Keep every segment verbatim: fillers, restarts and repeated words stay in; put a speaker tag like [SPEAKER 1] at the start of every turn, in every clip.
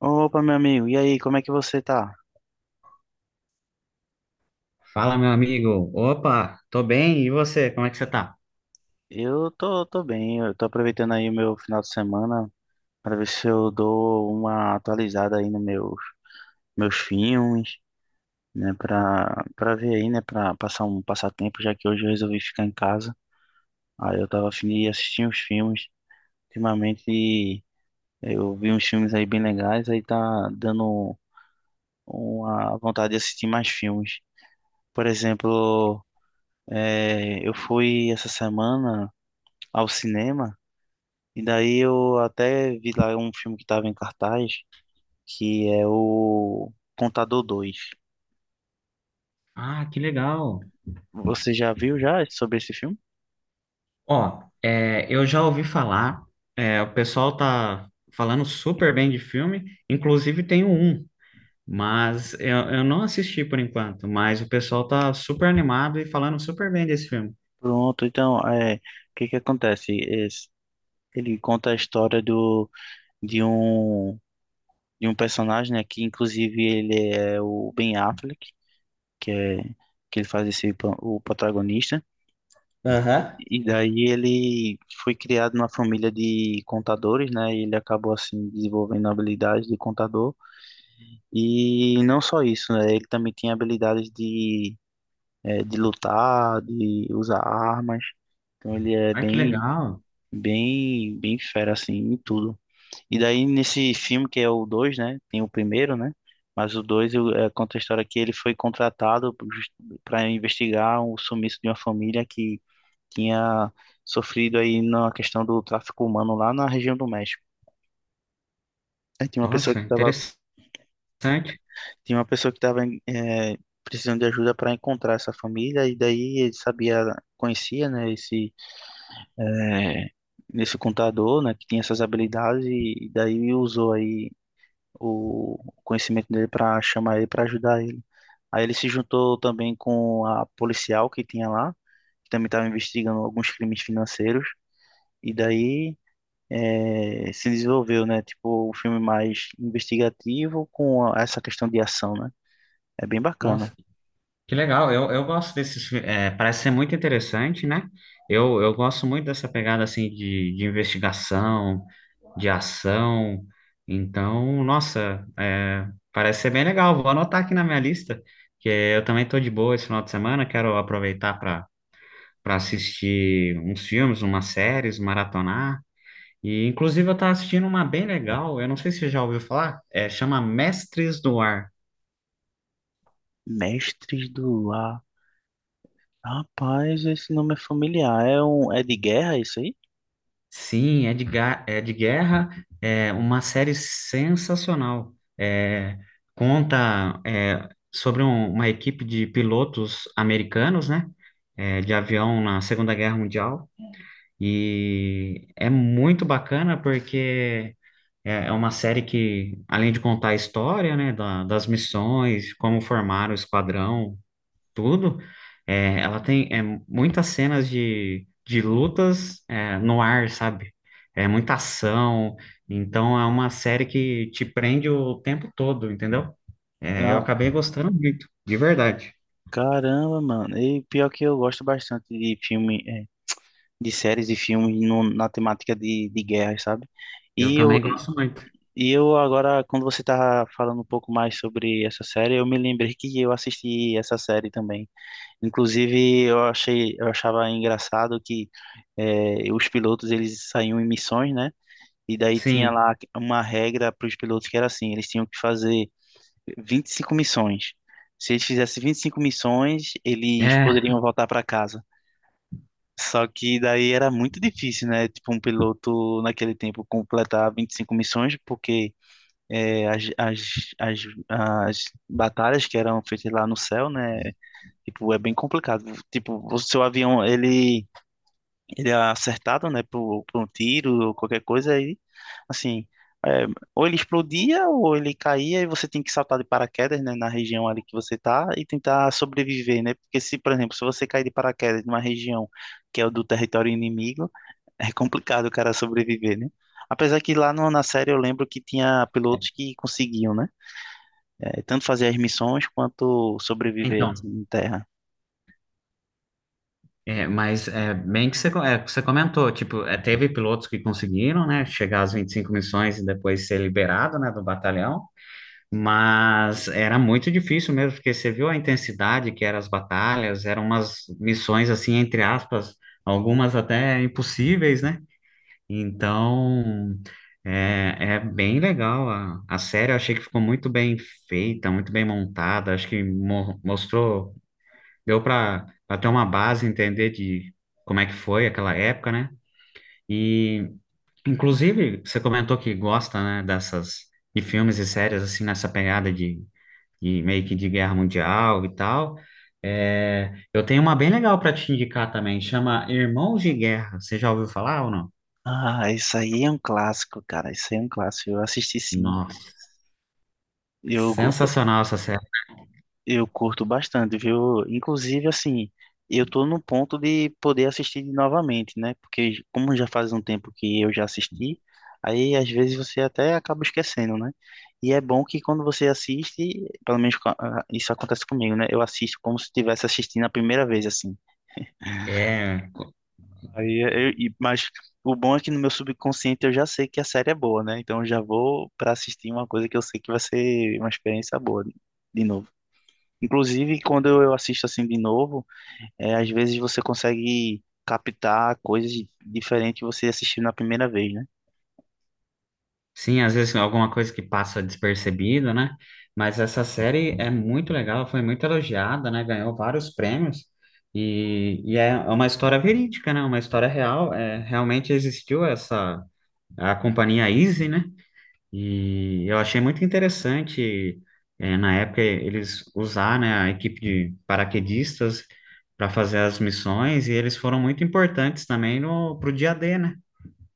[SPEAKER 1] Opa, meu amigo, e aí, como é que você tá?
[SPEAKER 2] Fala, meu amigo. Opa, tô bem. E você? Como é que você tá?
[SPEAKER 1] Eu tô, tô bem, eu tô aproveitando aí o meu final de semana para ver se eu dou uma atualizada aí nos meus, meus filmes, né, pra, pra ver aí, né, pra passar um passatempo, já que hoje eu resolvi ficar em casa. Aí eu tava afim de assistir uns filmes. Ultimamente eu vi uns filmes aí bem legais, aí tá dando uma vontade de assistir mais filmes. Por exemplo, eh, eu fui essa semana ao cinema. E daí eu até vi lá um filme que estava em cartaz, que é o Contador Dois.
[SPEAKER 2] Ah, que legal.
[SPEAKER 1] Você já viu já sobre esse filme?
[SPEAKER 2] Ó, é, eu já ouvi falar, é, o pessoal tá falando super bem de filme, inclusive tem um, mas eu, eu não assisti por enquanto, mas o pessoal tá super animado e falando super bem desse filme.
[SPEAKER 1] Pronto, então, é, o que que acontece? Esse- ele conta a história do, de um, de um personagem, né, que inclusive ele é o Ben Affleck, que é, que ele faz esse, pro- o protagonista.
[SPEAKER 2] Aham.
[SPEAKER 1] E daí ele foi criado numa família de contadores, né, e ele acabou, assim, desenvolvendo habilidades de contador. E não só isso, né? Ele também tinha habilidades de, eh, de lutar, de usar armas. Então ele é
[SPEAKER 2] Ah, que
[SPEAKER 1] bem,
[SPEAKER 2] legal.
[SPEAKER 1] bem, bem fera, assim, em tudo. E daí nesse filme, que é o dois, né? Tem o primeiro, né? Mas o dois conta a história que ele foi contratado para investigar o sumiço de uma família que tinha sofrido aí na questão do tráfico humano lá na região do México. Aí tinha uma pessoa
[SPEAKER 2] Nossa,
[SPEAKER 1] que estava
[SPEAKER 2] interessante.
[SPEAKER 1] Tinha uma pessoa que estava precisando de ajuda para encontrar essa família, e daí ele sabia, conhecia, né, esse, é, esse contador, né, que tinha essas habilidades, e, e daí usou aí o conhecimento dele para chamar ele, para ajudar ele. Aí ele se juntou também com a policial que tinha lá, que também estava investigando alguns crimes financeiros, e daí eh, se desenvolveu, né? Tipo, um filme mais investigativo com essa questão de ação, né? É bem bacana.
[SPEAKER 2] Nossa, que legal, eu, eu gosto desses, fi- é, parece ser muito interessante, né? Eu, eu gosto muito dessa pegada assim de, de investigação, de ação. Então, nossa, é, parece ser bem legal. Vou anotar aqui na minha lista, que eu também tô de boa esse final de semana, quero aproveitar para para assistir uns filmes, umas séries, maratonar. E inclusive eu tava assistindo uma bem legal, eu não sei se você já ouviu falar, é, chama Mestres do Ar.
[SPEAKER 1] Mestres do Lar. Rapaz, esse nome é familiar. É um é de guerra isso aí?
[SPEAKER 2] Sim, é de, ga- é de guerra, é uma série sensacional. É, conta é, sobre um- uma equipe de pilotos americanos, né? É, de avião na Segunda Guerra Mundial. E é muito bacana porque é, é uma série que, além de contar a história, né, da- das missões, como formaram o esquadrão, tudo. É, ela tem é, muitas cenas de, de lutas é, no ar, sabe? É muita ação. Então é uma série que te prende o tempo todo, entendeu? É, eu
[SPEAKER 1] Ah,
[SPEAKER 2] acabei gostando muito, de verdade.
[SPEAKER 1] caramba, mano. E pior que eu gosto bastante de filme, é, de séries e filmes no- na temática de, de guerra, sabe?
[SPEAKER 2] Eu
[SPEAKER 1] E eu
[SPEAKER 2] também
[SPEAKER 1] e
[SPEAKER 2] gosto muito.
[SPEAKER 1] e eu agora quando você tá falando um pouco mais sobre essa série, eu me lembrei que eu assisti essa série também. Inclusive, eu achei eu achava engraçado que é, os pilotos eles saíam em missões, né? E daí tinha
[SPEAKER 2] Sim.
[SPEAKER 1] lá uma regra para os pilotos que era assim, eles tinham que fazer vinte e cinco missões. Se eles fizessem vinte e cinco missões, eles
[SPEAKER 2] É,
[SPEAKER 1] poderiam voltar para casa. Só que daí era muito difícil, né? Tipo, um piloto naquele tempo completar vinte e cinco missões, porque é, as, as, as, as batalhas que eram feitas lá no céu, né? Tipo, é bem complicado. Tipo, o seu avião, ele ele é acertado, né, por, por um tiro ou qualquer coisa aí, assim, é, ou ele explodia ou ele caía e você tem que saltar de paraquedas, né, na região ali que você tá e tentar sobreviver, né, porque se, por exemplo, se você cair de paraquedas numa região que é o do território inimigo, é complicado o cara sobreviver, né. Apesar que lá no- na série eu lembro que tinha pilotos que conseguiam, né? É, tanto fazer as missões quanto sobreviver assim,
[SPEAKER 2] então,
[SPEAKER 1] em terra.
[SPEAKER 2] é, mas é bem que você, co- é, que você comentou, tipo, é, teve pilotos que conseguiram, né, chegar às vinte e cinco missões e depois ser liberado, né, do batalhão. Mas era muito difícil mesmo, porque você viu a intensidade que eram as batalhas, eram umas missões assim, entre aspas, algumas até impossíveis, né? Então, é, é bem legal a, a série, eu achei que ficou muito bem feita, muito bem montada, acho que mo- mostrou, deu para ter uma base, entender de como é que foi aquela época, né? E, inclusive, você comentou que gosta, né, dessas, de filmes e séries assim, nessa pegada de e meio que de guerra mundial e tal. É, eu tenho uma bem legal para te indicar também, chama Irmãos de Guerra. Você já ouviu falar ou não?
[SPEAKER 1] Ah, isso aí é um clássico, cara. Isso aí é um clássico. Eu assisti sim.
[SPEAKER 2] Nossa,
[SPEAKER 1] Eu,
[SPEAKER 2] sensacional essa série.
[SPEAKER 1] Eu curto bastante, viu? Inclusive, assim, eu tô no ponto de poder assistir novamente, né? Porque como já faz um tempo que eu já assisti, aí às vezes você até acaba esquecendo, né? E é bom que quando você assiste, pelo menos co- ah, isso acontece comigo, né? Eu assisto como se estivesse assistindo a primeira vez, assim.
[SPEAKER 2] É,
[SPEAKER 1] Aí, é, eu, e- mas o bom é que no meu subconsciente eu já sei que a série é boa, né? Então eu já vou para assistir uma coisa que eu sei que vai ser uma experiência boa de de novo. Inclusive, quando eu assisto assim de novo, é, às vezes você consegue captar coisas diferentes que você assistiu na primeira vez, né?
[SPEAKER 2] sim, às vezes alguma coisa que passa despercebida, né? Mas essa série é muito legal, foi muito elogiada, né? Ganhou vários prêmios. E, e é uma história verídica, né? Uma história real. É, realmente existiu essa a companhia Easy, né? E eu achei muito interessante, eh, na época, eles usar, né, a equipe de paraquedistas para fazer as missões, e eles foram muito importantes também no, pro dia dê, né?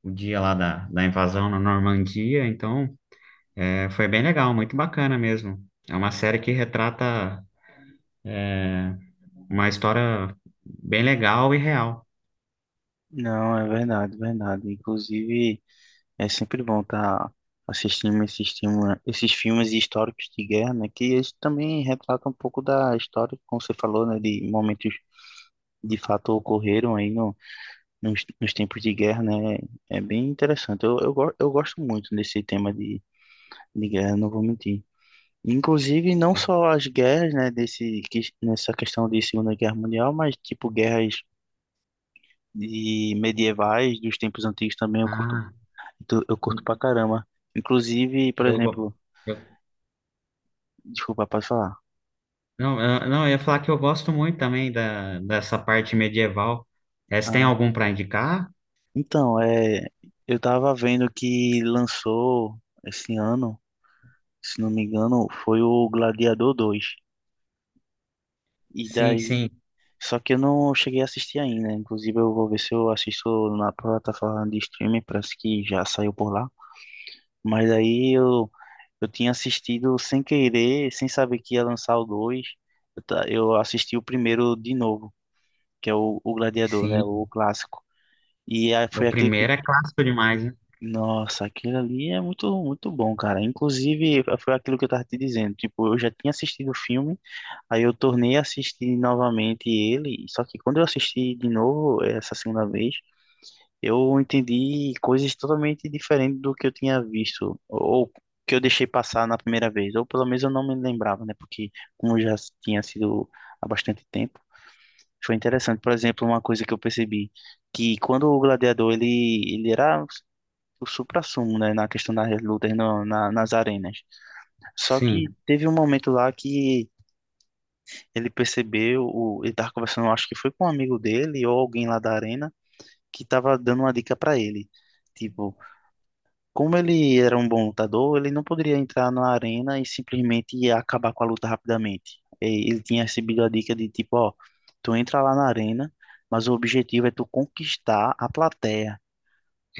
[SPEAKER 2] O dia lá da, da invasão na Normandia, então eh, foi bem legal, muito bacana mesmo. É uma série que retrata uma história bem legal e real.
[SPEAKER 1] Não, é verdade, verdade. Inclusive, é sempre bom estar assistindo esses, filme- esses filmes históricos de guerra, né? Que eles também retratam um pouco da história, como você falou, né? De momentos de fato ocorreram aí no, nos, nos tempos de guerra, né? É bem interessante. Eu, eu, go- eu gosto muito desse tema de, de guerra, não vou mentir. Inclusive, não
[SPEAKER 2] É.
[SPEAKER 1] só as guerras, né, desse, que- nessa questão de Segunda Guerra Mundial, mas tipo guerras de medievais dos tempos antigos também eu curto,
[SPEAKER 2] Ah.
[SPEAKER 1] tu- eu curto pra caramba. Inclusive, por
[SPEAKER 2] eu,
[SPEAKER 1] exemplo,
[SPEAKER 2] go- eu
[SPEAKER 1] desculpa, pode falar.
[SPEAKER 2] Não, eu, não, eu ia falar que eu gosto muito também da, dessa parte medieval. É, você tem
[SPEAKER 1] Ah,
[SPEAKER 2] algum para indicar?
[SPEAKER 1] então, é, eu tava vendo que lançou esse ano, se não me engano, foi o Gladiador Dois. E
[SPEAKER 2] Sim, sim,
[SPEAKER 1] daí, só que eu não cheguei a assistir ainda. Inclusive, eu vou ver se eu assisto na plataforma de streaming, parece que já saiu por lá. Mas aí eu, eu tinha assistido sem querer, sem saber que ia lançar o dois. Eu, ta- eu assisti o primeiro de novo, que é o, o Gladiador, né?
[SPEAKER 2] sim.
[SPEAKER 1] O clássico. E aí
[SPEAKER 2] O
[SPEAKER 1] foi aquele que.
[SPEAKER 2] primeiro é clássico demais, né?
[SPEAKER 1] Nossa, aquilo ali é muito, muito bom, cara. Inclusive, foi aquilo que eu tava te dizendo. Tipo, eu já tinha assistido o filme, aí eu tornei a assistir novamente ele. Só que quando eu assisti de novo, essa segunda vez, eu entendi coisas totalmente diferentes do que eu tinha visto, ou que eu deixei passar na primeira vez, ou pelo menos eu não me lembrava, né? Porque como já tinha sido há bastante tempo, foi interessante. Por exemplo, uma coisa que eu percebi, que quando o gladiador, ele, ele era o suprassumo, né? Na questão das lutas no, na, nas arenas. Só que
[SPEAKER 2] Sim.
[SPEAKER 1] teve um momento lá que ele percebeu, o, ele tava conversando, acho que foi com um amigo dele ou alguém lá da arena, que tava dando uma dica para ele. Tipo, como ele era um bom lutador, ele não poderia entrar na arena e simplesmente acabar com a luta rapidamente. E ele tinha recebido a dica de tipo, ó, tu entra lá na arena, mas o objetivo é tu conquistar a plateia,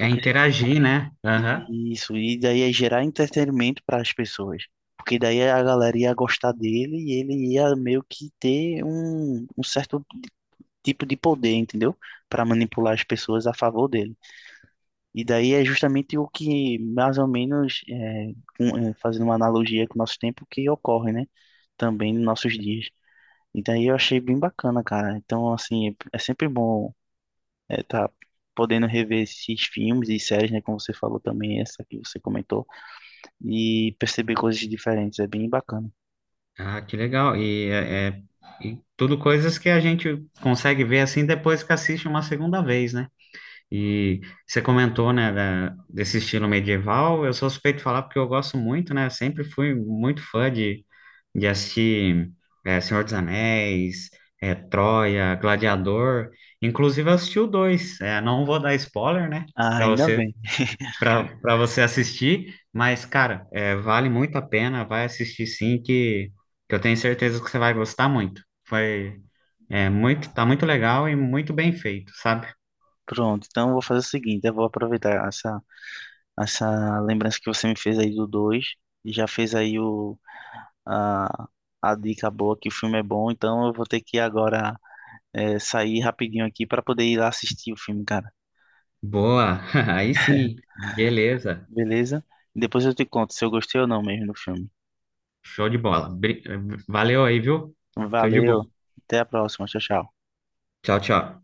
[SPEAKER 2] É
[SPEAKER 1] se-
[SPEAKER 2] interagir, né? Aham.
[SPEAKER 1] e isso e daí é gerar entretenimento para as pessoas, porque daí a galera ia gostar dele e ele ia meio que ter um, um certo tipo de poder, entendeu? Para manipular as pessoas a favor dele. E daí é justamente o que, mais ou menos, é, com- é, fazendo uma analogia com o nosso tempo, que ocorre, né? Também nos nossos dias. E daí eu achei bem bacana, cara. Então, assim, é é sempre bom é, tá podendo rever esses filmes e séries, né? Como você falou também, essa que você comentou, e perceber coisas diferentes. É bem bacana.
[SPEAKER 2] Ah, que legal. E, é, é- e tudo coisas que a gente consegue ver assim depois que assiste uma segunda vez, né? E você comentou, né, da- desse estilo medieval. Eu sou suspeito de falar porque eu gosto muito, né? Sempre fui muito fã de de assistir é, Senhor dos Anéis, é, Troia, Gladiador. Inclusive, eu assisti o dois. É, não vou dar spoiler, né?
[SPEAKER 1] Ah,
[SPEAKER 2] Para
[SPEAKER 1] ainda
[SPEAKER 2] você,
[SPEAKER 1] bem.
[SPEAKER 2] para para você assistir. Mas, cara, é, vale muito a pena. Vai assistir sim, que, que eu tenho certeza que você vai gostar muito. Foi, é, muito, tá muito legal e muito bem feito, sabe?
[SPEAKER 1] Pronto, então eu vou fazer o seguinte, eu vou aproveitar essa, essa lembrança que você me fez aí do dois e já fez aí o a, a dica boa que o filme é bom, então eu vou ter que agora é, sair rapidinho aqui para poder ir lá assistir o filme, cara.
[SPEAKER 2] Boa, aí sim. Beleza.
[SPEAKER 1] Beleza? Depois eu te conto se eu gostei ou não mesmo do filme.
[SPEAKER 2] Show de bola. Bri- Valeu aí, viu? Tudo de bom.
[SPEAKER 1] Valeu, até a próxima, tchau, tchau.
[SPEAKER 2] Tchau, tchau.